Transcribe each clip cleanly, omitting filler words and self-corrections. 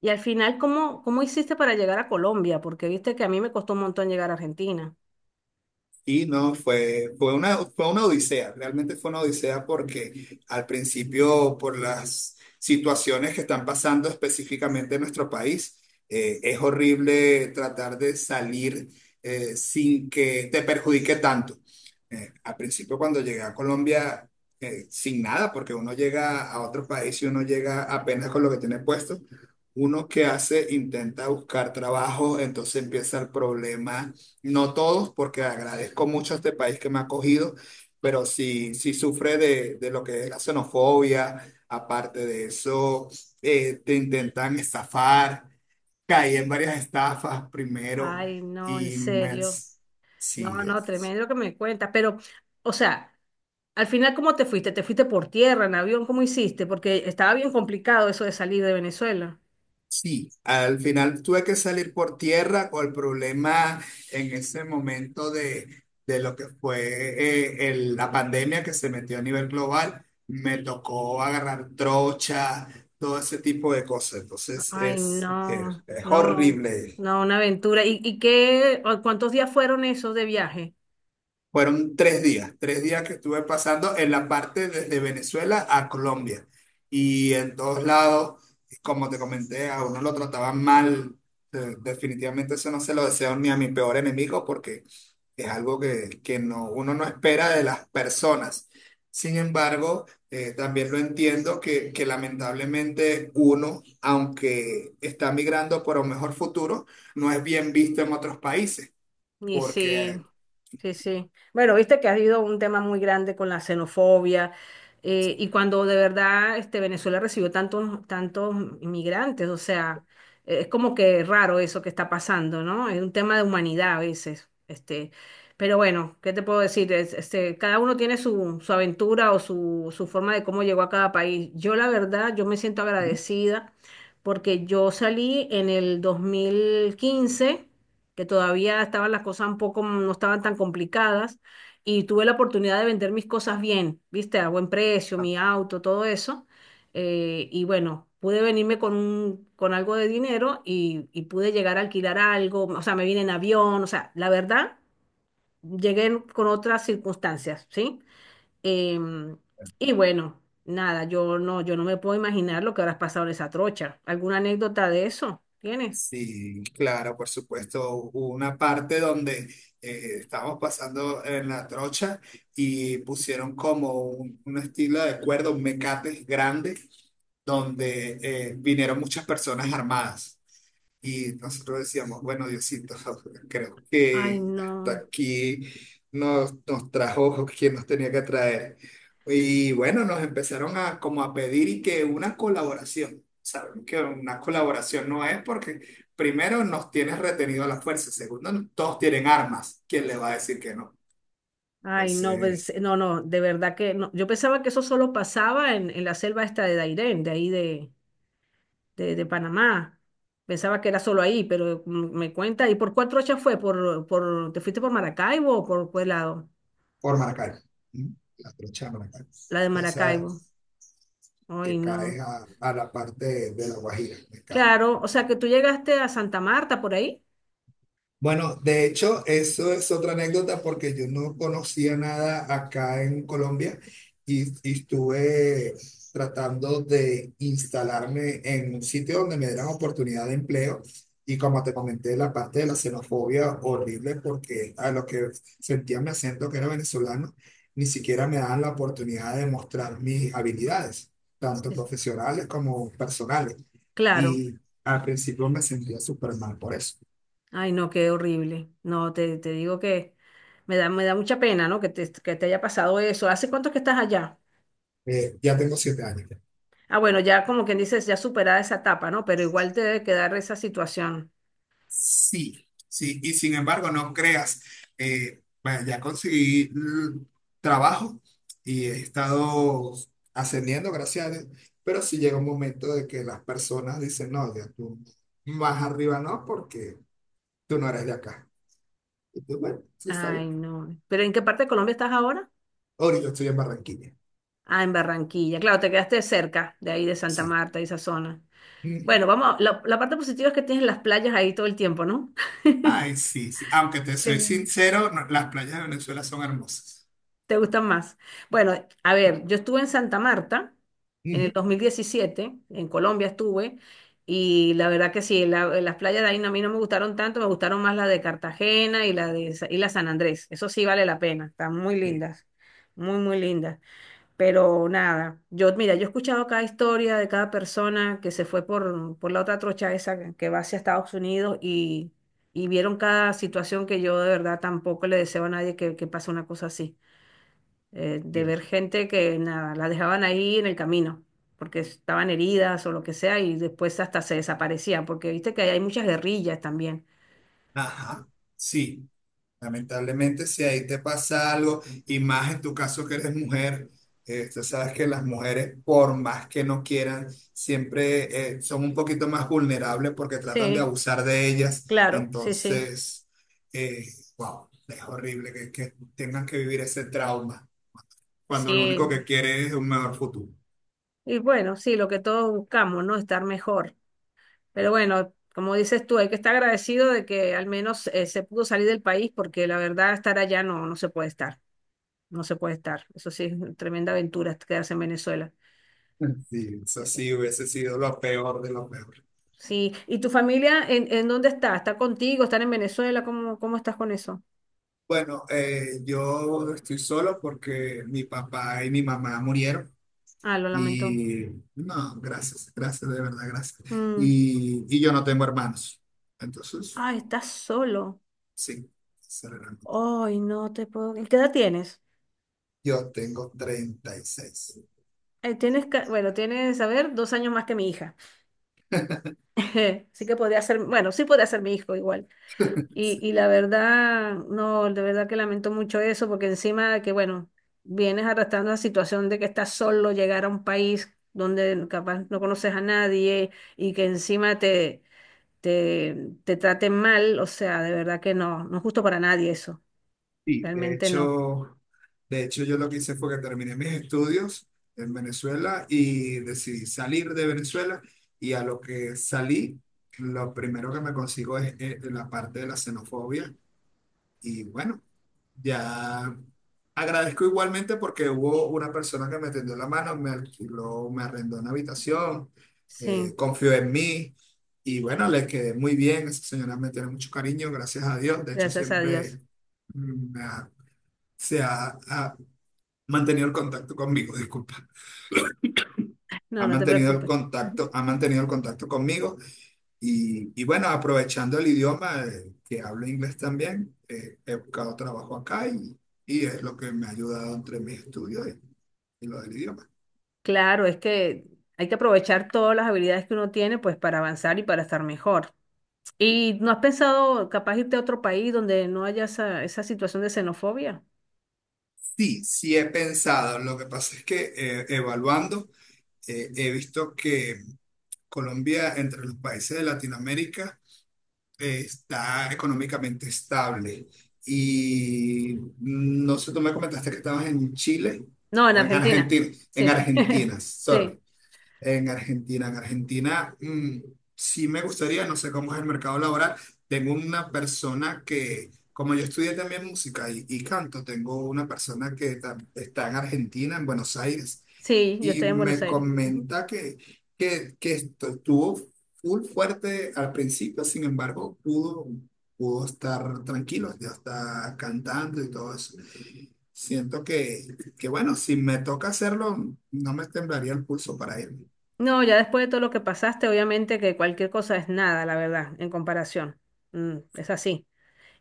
Y al final, ¿cómo hiciste para llegar a Colombia? Porque viste que a mí me costó un montón llegar a Argentina. Y no, fue, fue una odisea, realmente fue una odisea porque al principio por las situaciones que están pasando específicamente en nuestro país, es horrible tratar de salir sin que te perjudique tanto. Al principio cuando llegué a Colombia, sin nada, porque uno llega a otro país y uno llega apenas con lo que tiene puesto, uno que hace intenta buscar trabajo, entonces empieza el problema no todos, porque agradezco mucho a este país que me ha acogido, pero sí, sí sufre de lo que es la xenofobia. Aparte de eso, te intentan estafar. Caí en varias estafas primero Ay, no, en y me- serio. sí. No, no, tremendo lo que me cuentas. Pero, o sea, al final, ¿cómo te fuiste? ¿Te fuiste por tierra, en avión? ¿Cómo hiciste? Porque estaba bien complicado eso de salir de Venezuela. Sí, al final tuve que salir por tierra con el problema en ese momento de lo que fue la pandemia que se metió a nivel global. Me tocó agarrar trocha, todo ese tipo de cosas. Entonces Ay, no, es no, horrible. no, una aventura. ¿Y qué, o cuántos días fueron esos de viaje? Fueron 3 días, 3 días que estuve pasando en la parte desde Venezuela a Colombia. Y en todos lados, como te comenté, a uno lo trataban mal. Definitivamente eso no se lo deseo ni a mi peor enemigo porque es algo que no, uno no espera de las personas. Sin embargo, también lo entiendo que lamentablemente uno, aunque está migrando por un mejor futuro, no es bien visto en otros países Y sí, porque sí, sí. Bueno, viste que ha habido un tema muy grande con la xenofobia y cuando de verdad este, Venezuela recibió tantos, tantos inmigrantes, o sea, es como que raro eso que está pasando, ¿no? Es un tema de humanidad a veces. Este, pero bueno, ¿qué te puedo decir? Es- Este, cada uno tiene su, su aventura o su forma de cómo llegó a cada país. Yo la verdad, yo me siento agradecida porque yo salí en el 2015, que todavía estaban las cosas un poco, no estaban tan complicadas, y tuve la oportunidad de vender mis cosas bien, viste, a buen precio, mi auto, todo eso, y bueno, pude venirme con un, con algo de dinero y pude llegar a alquilar algo, o sea, me vine en avión, o sea, la verdad, llegué con otras circunstancias, ¿sí? Em, y bueno, nada, yo no me puedo imaginar lo que habrás pasado en esa trocha. ¿Alguna anécdota de eso tienes? sí, claro, por supuesto. Hubo una parte donde estábamos pasando en la trocha y pusieron como un estilo de cuerda, un mecate grande, donde vinieron muchas personas armadas. Y nosotros decíamos, bueno, Diosito, creo Ay, que hasta no. aquí nos trajo quien nos tenía que traer. Y bueno, nos empezaron a como a pedir y que una colaboración. Saben que una colaboración no es porque primero nos tienes retenido a la fuerza, segundo, todos tienen armas. ¿Quién le va a decir que no? Ay, no, Entonces, pues, no, no, de verdad que no. Yo pensaba que eso solo pasaba en la selva esta de Dairén, de ahí de, de Panamá. Pensaba que era solo ahí, pero m- me cuenta. ¿Y por cuál trocha fue? Te fuiste por Maracaibo o por cuál lado? por Maracay, ¿m? La trocha de Maracay. La de Esa Maracaibo. es Ay, que cae no. A la parte de la Guajira. Claro, o sea que tú llegaste a Santa Marta por ahí. Bueno, de hecho, eso es otra anécdota porque yo no conocía nada acá en Colombia y estuve tratando de instalarme en un sitio donde me dieran oportunidad de empleo y como te comenté, la parte de la xenofobia horrible porque a lo que sentía mi acento que era venezolano, ni siquiera me daban la oportunidad de mostrar mis habilidades, tanto Sí, sí. profesionales como personales. Claro. Y al principio me sentía súper mal por eso. Ay, no, qué horrible. No, te digo que me da mucha pena, ¿no? Que que te haya pasado eso. ¿Hace cuánto que estás allá? Ya tengo 7 años. Ah, bueno, ya como quien dices, ya superada esa etapa, ¿no? Pero igual te debe quedar esa situación. Sí, sí, y sin embargo, no creas, bueno, ya conseguí trabajo y he estado ascendiendo, gracias a Dios, pero sí llega un momento de que las personas dicen, no, ya tú más arriba no, porque tú no eres de acá. Y tú, bueno, sí, está Ay, bien. no. ¿Pero en qué parte de Colombia estás ahora? Ahora yo estoy en Barranquilla, Ah, en Barranquilla. Claro, te quedaste cerca de ahí, de Santa sí. Marta, y esa zona. Ujú. Bueno, vamos, a- la parte positiva es que tienes las playas ahí todo el tiempo, ¿no? Ay, sí, sí, aunque te Qué soy lindo. sincero, no- las playas de Venezuela son hermosas. ¿Te gustan más? Bueno, a ver, yo estuve en Santa Marta en el Ujú. 2017 en Colombia estuve, y la verdad que sí, la- las playas de ahí no- a mí no me gustaron tanto, me gustaron más la de Cartagena y la de Sa- y la San Andrés. Eso sí vale la pena, están muy Eh, lindas, muy, muy lindas. Pero nada, yo, mira, yo he escuchado cada historia de cada persona que se fue por la otra trocha esa que va hacia Estados Unidos y vieron cada situación que yo de verdad tampoco le deseo a nadie que, que pase una cosa así, de Bien. ver gente que nada, la dejaban ahí en el camino, porque estaban heridas o lo que sea, y después hasta se desaparecían, porque viste que hay muchas guerrillas también. Ajá, sí. Lamentablemente, si ahí te pasa algo, y más en tu caso que eres mujer, tú sabes que las mujeres, por más que no quieran, siempre son un poquito más vulnerables porque tratan de Sí, abusar de ellas. claro, sí, sí, Entonces, eh, wow, es horrible que tengan que vivir ese trauma cuando lo único que sí. quieren es un mejor futuro. Y bueno, sí, lo que todos buscamos, ¿no? Estar mejor. Pero bueno, como dices tú, hay que estar agradecido de que al menos se pudo salir del país, porque la verdad estar allá no, no se puede estar, no se puede estar. Eso sí, es una tremenda aventura quedarse en Venezuela. Sí, eso sí hubiese sido lo peor de lo peor. Sí, ¿y tu familia en dónde está? ¿Está contigo? ¿Están en Venezuela? ¿Cómo estás con eso? Bueno, yo estoy solo porque mi papá y mi mamá murieron. Ah, lo lamento. Y no, gracias, gracias, de verdad, gracias. Mm. Y yo no tengo hermanos. Entonces, Ah, estás solo. sí, acelerando. Ay, no te puedo. ¿Y qué edad tienes? Yo tengo 36. Tienes, ca- bueno, tienes, a ver, dos años más que mi hija. Sí que podría ser, bueno, sí podría ser mi hijo igual. Y la verdad, no, de verdad que lamento mucho eso, porque encima de que, bueno, vienes arrastrando la situación de que estás solo, llegar a un país donde capaz no conoces a nadie y que encima te te, te traten mal, o sea, de verdad que no, no es justo para nadie eso, Sí, realmente no. De hecho, yo lo que hice fue que terminé mis estudios en Venezuela y decidí salir de Venezuela y a lo que salí, lo primero que me consigo es la parte de la xenofobia. Y bueno, ya agradezco igualmente porque hubo una persona que me tendió la mano, me alquiló, me arrendó una habitación, Sí, confió en mí y bueno, le quedé muy bien. Esa señora me tiene mucho cariño, gracias a Dios. De hecho, gracias a Dios. siempre mm, me ha- se ha, ha mantenido el contacto conmigo, disculpa. No, Ha no te mantenido el preocupes. Ujú. contacto, ha mantenido el contacto conmigo y bueno, aprovechando el idioma, que hablo inglés también, he buscado trabajo acá y es lo que me ha ayudado entre mis estudios y lo del idioma. Claro, es que hay que aprovechar todas las habilidades que uno tiene pues para avanzar y para estar mejor. ¿Y no has pensado capaz irte a otro país donde no haya esa situación de xenofobia? Sí, sí he pensado. Lo que pasa es que evaluando, he visto que Colombia, entre los países de Latinoamérica, está económicamente estable. Y no sé, tú me comentaste que estabas en Chile No, en o Argentina. En Sí, Argentina, sorry. sí, En Argentina, sí me gustaría, no sé cómo es el mercado laboral. Tengo una persona que, como yo estudié también música y canto, tengo una persona está en Argentina, en Buenos Aires, sí, yo y estoy en Buenos me Aires. comenta que esto estuvo full fuerte al principio, sin embargo, pudo estar tranquilo, ya está cantando y todo eso. Siento que, bueno, si me toca hacerlo, no me temblaría el pulso para ir. No, ya después de todo lo que pasaste, obviamente que cualquier cosa es nada, la verdad, en comparación. Mm, es así.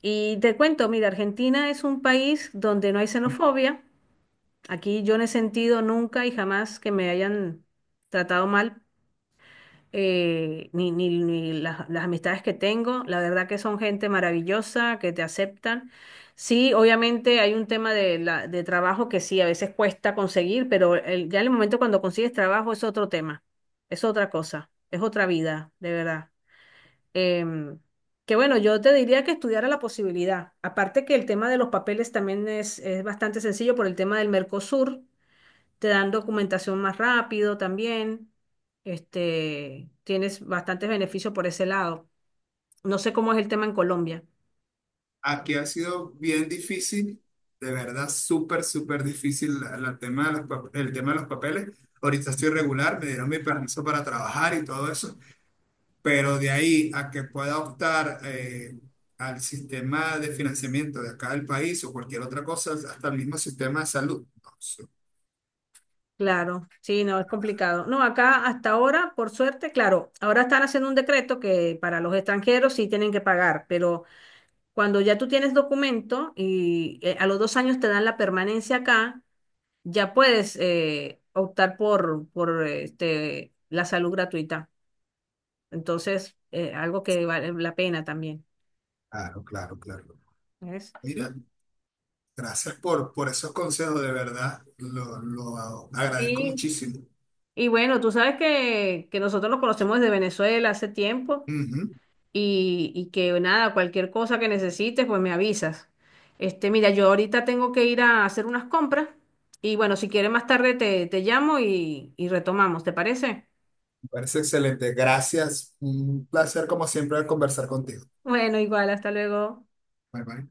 Y te cuento, mira, Argentina es un país donde no hay xenofobia. Aquí yo no he sentido nunca y jamás que me hayan tratado mal, ni las, las amistades que tengo. La verdad que son gente maravillosa, que te aceptan. Sí, obviamente hay un tema de, de trabajo que sí, a veces cuesta conseguir, pero el- ya en el momento cuando consigues trabajo es otro tema, es otra cosa, es otra vida, de verdad. Em, que bueno, yo te diría que estudiara la posibilidad. Aparte que el tema de los papeles también es bastante sencillo por el tema del Mercosur, te dan documentación más rápido también. Este, tienes bastantes beneficios por ese lado. No sé cómo es el tema en Colombia. Aquí ha sido bien difícil, de verdad, súper, súper difícil la- la tema de los pap- el tema de los papeles. Ahorita estoy regular, me dieron mi permiso para trabajar y todo eso, pero de ahí a que pueda optar al sistema de financiamiento de acá del país o cualquier otra cosa, hasta el mismo sistema de salud. No, sí. Claro, sí, no, es complicado. No, acá hasta ahora, por suerte, claro, ahora están haciendo un decreto que para los extranjeros sí tienen que pagar, pero cuando ya tú tienes documento y a los dos años te dan la permanencia acá, ya puedes optar por este, la salud gratuita. Entonces, algo que vale la pena también. Claro, claro, claro. ¿Ves? Mira, gracias por esos consejos, de verdad, lo agradezco Sí, muchísimo. y bueno, tú sabes que nosotros nos conocemos desde Venezuela hace tiempo Ujú. Y que nada, cualquier cosa que necesites, pues me avisas. Este, mira, yo ahorita tengo que ir a hacer unas compras y bueno, si quieres más tarde te llamo y retomamos, ¿te parece? Parece excelente. Gracias. Un placer, como siempre, conversar contigo. Bueno, igual, hasta luego. Bye bye.